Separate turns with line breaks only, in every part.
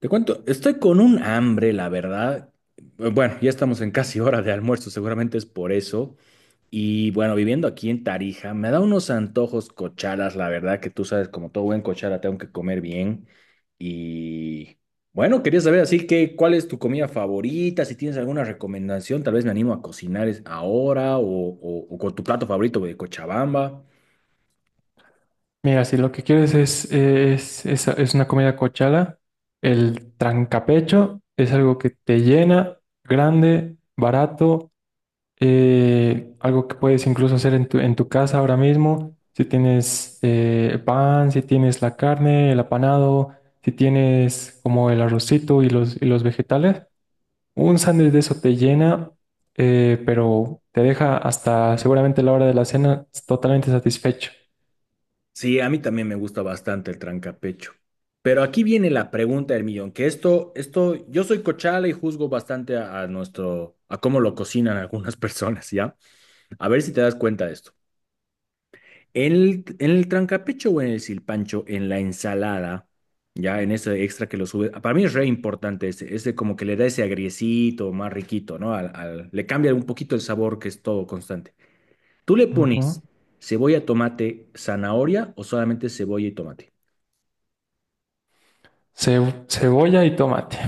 Te cuento, estoy con un hambre, la verdad. Bueno, ya estamos en casi hora de almuerzo, seguramente es por eso. Y bueno, viviendo aquí en Tarija, me da unos antojos cochalas, la verdad que tú sabes, como todo buen cochala, tengo que comer bien. Y bueno, quería saber así que, ¿cuál es tu comida favorita? Si tienes alguna recomendación, tal vez me animo a cocinar ahora o con tu plato favorito de Cochabamba.
Mira, si lo que quieres es una comida cochala, el trancapecho es algo que te llena, grande, barato, algo que puedes incluso hacer en tu casa ahora mismo. Si tienes pan, si tienes la carne, el apanado, si tienes como el arrocito y los vegetales, un sándwich de eso te llena, pero te deja hasta seguramente la hora de la cena totalmente satisfecho.
Sí, a mí también me gusta bastante el trancapecho. Pero aquí viene la pregunta del millón, que esto, yo soy cochala y juzgo bastante a nuestro, a cómo lo cocinan algunas personas, ¿ya? A ver si te das cuenta de esto. En el trancapecho o en el silpancho, en la ensalada, ya en ese extra que lo sube, para mí es re importante ese como que le da ese agriecito más riquito, ¿no? Le cambia un poquito el sabor que es todo constante. ¿Tú le
Ujú.
pones cebolla, tomate, zanahoria o solamente cebolla y tomate?
Cebolla y tomate.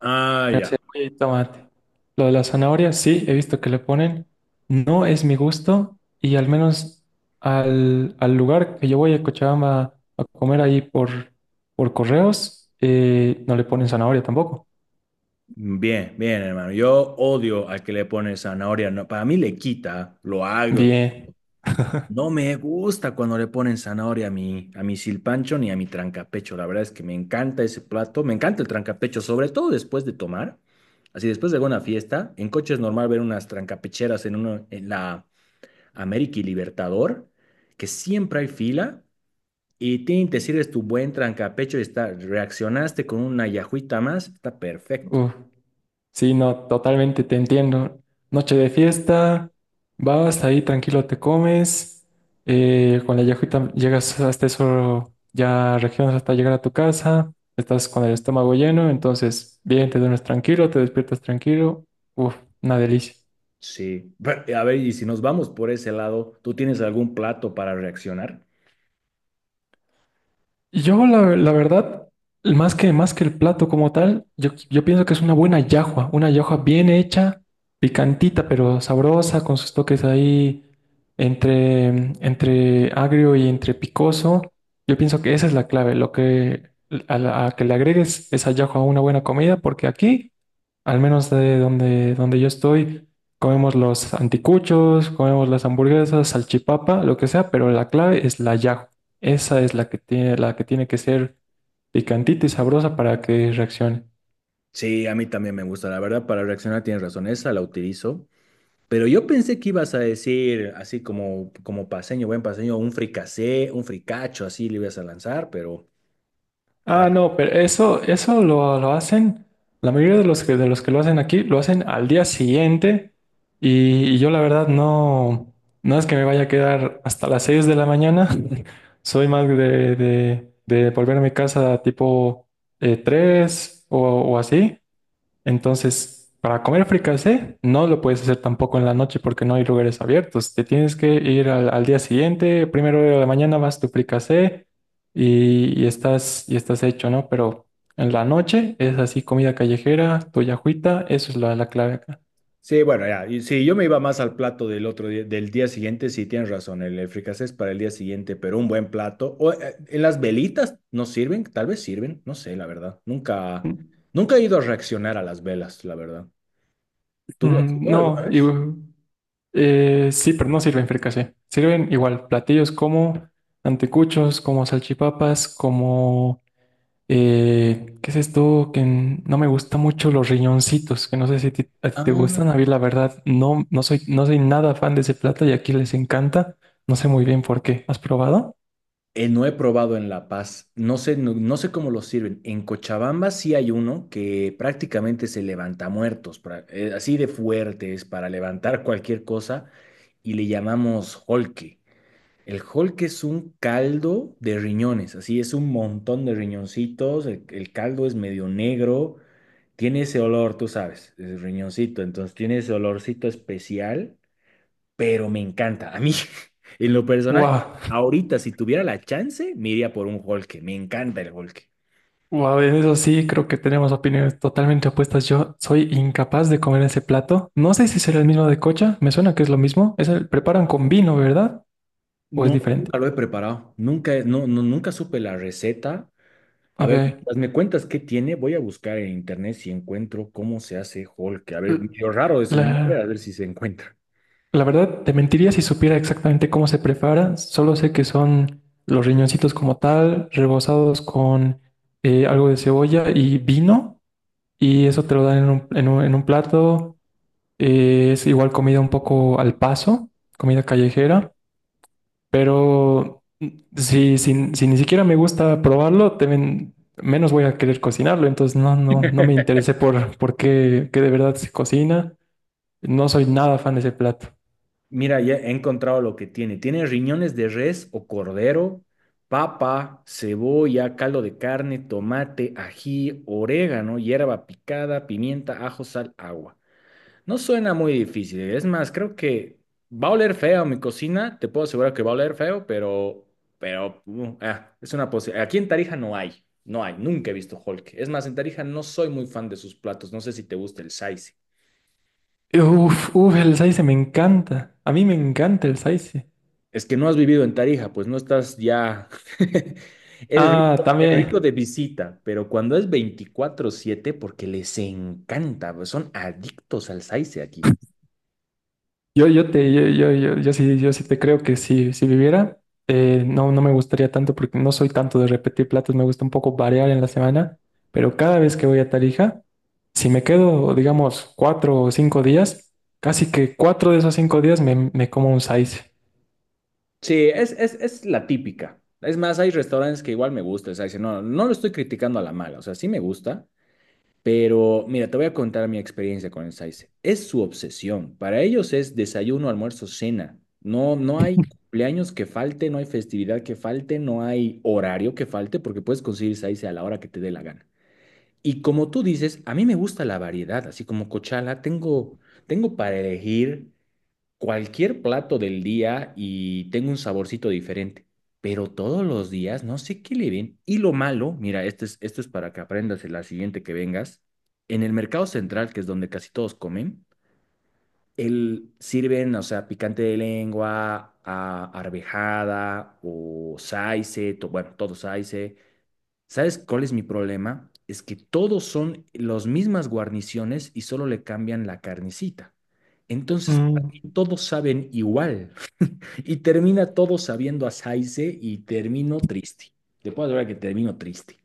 Ah,
La
ya.
cebolla y tomate. Lo de la zanahoria, sí, he visto que le ponen. No es mi gusto y al menos al lugar que yo voy a Cochabamba a comer ahí por correos, no le ponen zanahoria tampoco.
Bien, bien, hermano. Yo odio al que le pone zanahoria. No, para mí le quita lo agrio.
Bien.
No me gusta cuando le ponen zanahoria a mi silpancho ni a mi trancapecho. La verdad es que me encanta ese plato. Me encanta el trancapecho, sobre todo después de tomar. Así, después de alguna fiesta, en coche es normal ver unas trancapecheras en, uno, en la América y Libertador, que siempre hay fila. Y tin, te sirves tu buen trancapecho y está, reaccionaste con una yajuita más, está perfecto.
Uf. Sí, no, totalmente te entiendo. Noche de fiesta, vas ahí tranquilo, te comes, con la yajita llegas hasta eso, ya regiones hasta llegar a tu casa, estás con el estómago lleno, entonces bien, te duermes tranquilo, te despiertas tranquilo, uf, una delicia.
Sí, pero, a ver, y si nos vamos por ese lado, ¿tú tienes algún plato para reaccionar?
La verdad, más que el plato como tal, yo pienso que es una buena yahua, una yahua bien hecha, picantita, pero sabrosa, con sus toques ahí entre, entre agrio y entre picoso. Yo pienso que esa es la clave, lo que a que le agregues esa yahua a una buena comida. Porque aquí, al menos de donde yo estoy, comemos los anticuchos, comemos las hamburguesas, salchipapa, lo que sea, pero la clave es la yajo. Esa es la que tiene que ser picantita y sabrosa para que reaccione.
Sí, a mí también me gusta, la verdad, para reaccionar tienes razón, esa la utilizo, pero yo pensé que ibas a decir, así como, como paseño, buen paseño, un fricasé, un fricacho, así le ibas a lanzar, pero
Ah, no, pero eso, eso lo hacen, la mayoría de los que lo hacen aquí, lo hacen al día siguiente y yo la verdad no, no es que me vaya a quedar hasta las 6 de la mañana. Soy más de volver a mi casa tipo 3 o así. Entonces, para comer fricasé, no lo puedes hacer tampoco en la noche porque no hay lugares abiertos. Te tienes que ir al día siguiente, primero de la mañana vas tu fricasé y estás hecho, ¿no? Pero en la noche es así, comida callejera, tu yajuita, eso es la clave acá.
sí, bueno, ya. Y sí, yo me iba más al plato del otro día, del día siguiente, sí, tienes razón, el fricasé es para el día siguiente, pero un buen plato. O, ¿en las velitas no sirven? Tal vez sirven, no sé, la verdad. Nunca, nunca he ido a reaccionar a las velas, la verdad. ¿Tú has
Mm.
ido alguna
No, y,
vez?
sí, pero no sirven fricasé. Sirven igual platillos como anticuchos, como salchipapas, como... ¿qué es esto? Que no me gusta mucho los riñoncitos, que no sé si a ti te
Ah,
gustan. A mí, la verdad, no, no soy nada fan de ese plato y aquí les encanta. No sé muy bien por qué. ¿Has probado?
no he probado en La Paz. No sé, no, no sé cómo lo sirven. En Cochabamba sí hay uno que prácticamente se levanta muertos, así de fuertes para levantar cualquier cosa, y le llamamos holque. El Hulk es un caldo de riñones, así es un montón de riñoncitos, el caldo es medio negro, tiene ese olor, tú sabes, es riñoncito, entonces tiene ese olorcito especial, pero me encanta. A mí, en lo personal,
Wow,
ahorita si tuviera la chance, me iría por un Hulk, me encanta el Hulk.
wow, en eso sí creo que tenemos opiniones totalmente opuestas. Yo soy incapaz de comer ese plato. No sé si será el mismo de cocha. Me suena que es lo mismo. Es el preparan con vino, ¿verdad? ¿O es
No,
diferente?
nunca lo he preparado, nunca, no, no, nunca supe la receta. A
Ok.
ver, mientras me cuentas qué tiene, voy a buscar en internet si encuentro cómo se hace Hulk. A ver,
L-
medio raro es el nombre, a
La,
ver si se encuentra.
La verdad, te mentiría si supiera exactamente cómo se prepara. Solo sé que son los riñoncitos como tal, rebozados con algo de cebolla y vino, y eso te lo dan en un, en un plato. Es igual comida un poco al paso, comida callejera, pero mm, si ni siquiera me gusta probarlo, te menos voy a querer cocinarlo. Entonces no, no me interesé por qué, qué de verdad se cocina. No soy nada fan de ese plato.
Mira, ya he encontrado lo que tiene. Tiene riñones de res o cordero, papa, cebolla, caldo de carne, tomate, ají, orégano, hierba picada, pimienta, ajo, sal, agua. No suena muy difícil, ¿eh? Es más, creo que va a oler feo mi cocina. Te puedo asegurar que va a oler feo, pero, es una posibilidad. Aquí en Tarija no hay. No hay. Nunca he visto Hulk. Es más, en Tarija no soy muy fan de sus platos. No sé si te gusta el saice.
Uf, uf, el saice me encanta. A mí me encanta el saice.
Es que no has vivido en Tarija, pues no estás ya.
Ah,
Es rico
también.
de visita, pero cuando es 24/7, porque les encanta, pues, son adictos al saice aquí.
Yo te, yo sí, yo sí te creo que si viviera, no, no me gustaría tanto porque no soy tanto de repetir platos. Me gusta un poco variar en la semana, pero cada vez que voy a Tarija, si me quedo, digamos, cuatro o cinco días, casi que cuatro de esos cinco días me como un saice.
Sí, es la típica. Es más, hay restaurantes que igual me gusta. O sea, dice, no, no lo estoy criticando a la mala. O sea, sí me gusta. Pero mira, te voy a contar mi experiencia con el Saize. Es su obsesión. Para ellos es desayuno, almuerzo, cena. No, no hay cumpleaños que falte, no hay festividad que falte, no hay horario que falte, porque puedes conseguir Saize a la hora que te dé la gana. Y como tú dices, a mí me gusta la variedad, así como cochala, tengo para elegir cualquier plato del día y tengo un saborcito diferente, pero todos los días no sé qué le ven. Y lo malo, mira, esto es para que aprendas en la siguiente que vengas. En el mercado central, que es donde casi todos comen, el, sirven, o sea, picante de lengua, arvejada o saice, to- bueno, todo saice. ¿Sabes cuál es mi problema? Es que todos son las mismas guarniciones y solo le cambian la carnecita. Entonces, para mí todos saben igual. Y termina todo sabiendo a Saize y termino triste. Te puedo asegurar que termino triste.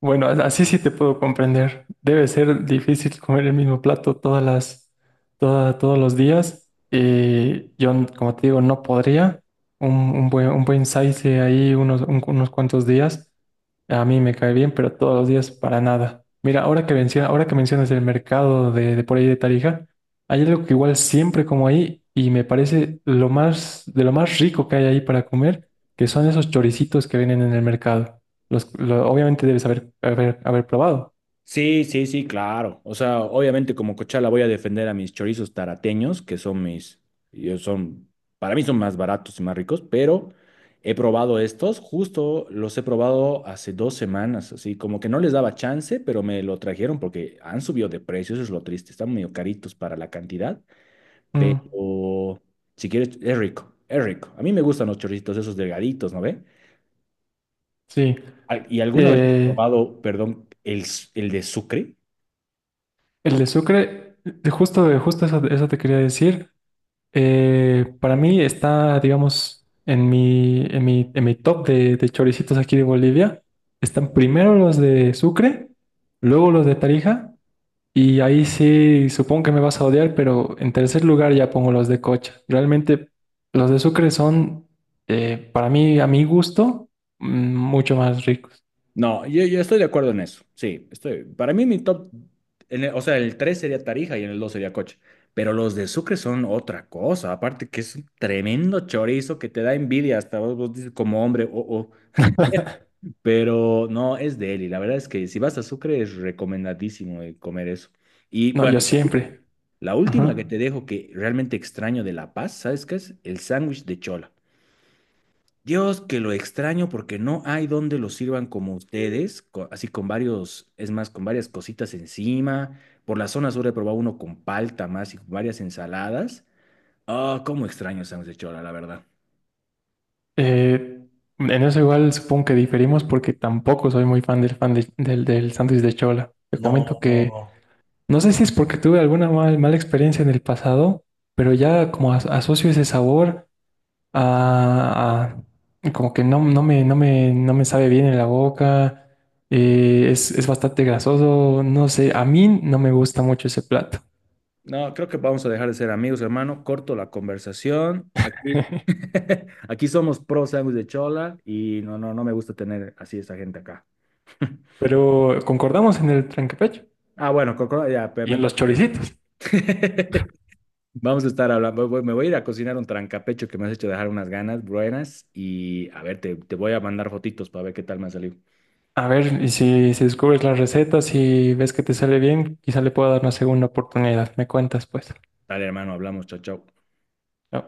Bueno, así sí te puedo comprender. Debe ser difícil comer el mismo plato todas todos los días. Y yo, como te digo, no podría. Un buen saice ahí unos, unos cuantos días. A mí me cae bien, pero todos los días para nada. Mira, ahora que menciona, ahora que mencionas el mercado de por ahí de Tarija, hay algo que igual siempre como ahí y me parece lo más, de lo más rico que hay ahí para comer, que son esos choricitos que vienen en el mercado. Obviamente debes haber probado.
Sí, sí, sí, claro. O sea, obviamente como cochala voy a defender a mis chorizos tarateños, que son mis, yo son, para mí son más baratos y más ricos, pero he probado estos, justo los he probado hace 2 semanas, así como que no les daba chance, pero me lo trajeron porque han subido de precio, eso es lo triste, están medio caritos para la cantidad,
Mm,
pero si quieres, es rico, es rico. A mí me gustan los chorritos esos delgaditos, ¿no ve?
sí.
Al- ¿Y alguna vez has
Eh,
probado, perdón, el de sucre?
el de Sucre, de justo eso, eso te quería decir. Para mí está, digamos, en mi top de choricitos aquí de Bolivia. Están primero los de Sucre, luego los de Tarija. Y ahí sí, supongo que me vas a odiar, pero en tercer lugar ya pongo los de Cocha. Realmente los de Sucre son, para mí, a mi gusto, mm, mucho más ricos.
No, yo estoy de acuerdo en eso, sí, estoy. Para mí mi top, en el- o sea, el 3 sería Tarija y en el 2 sería Coche. Pero los de Sucre son otra cosa, aparte que es un tremendo chorizo que te da envidia hasta vos, vos dices como hombre, oh, oh. Pero no, es de él y la verdad es que si vas a Sucre es recomendadísimo comer eso. Y
No,
bueno,
yo siempre.
la última que
Ajá.
te dejo que realmente extraño de La Paz, ¿sabes qué es? El sándwich de chola. Dios, que lo extraño porque no hay donde lo sirvan como ustedes, así con varios, es más, con varias cositas encima. Por la zona sur he probado uno con palta más y con varias ensaladas. Ah, cómo extraño el sándwich de chola, la verdad.
Eh, en eso igual supongo que diferimos porque tampoco soy muy fan del, del sándwich de chola. Te comento que
No.
no sé si es porque tuve mala experiencia en el pasado, pero ya como asocio ese sabor a, como que no, no me sabe bien en la boca, es bastante grasoso, no sé, a mí no me gusta mucho ese plato.
No, creo que vamos a dejar de ser amigos, hermano. Corto la conversación. Aquí, aquí somos pro sándwich de chola y no, no, no me gusta tener así esa gente acá.
Pero concordamos en el trancapecho
Ah, bueno, Coco, ya,
y en los choricitos.
Vamos a estar hablando. Me voy a ir a cocinar un trancapecho que me has hecho dejar unas ganas buenas. Y a ver, te voy a mandar fotitos para ver qué tal me ha salido.
A ver, y si descubres las recetas y ves que te sale bien, quizá le pueda dar una segunda oportunidad. Me cuentas, pues.
Dale, hermano, hablamos. Chao, chao.
No.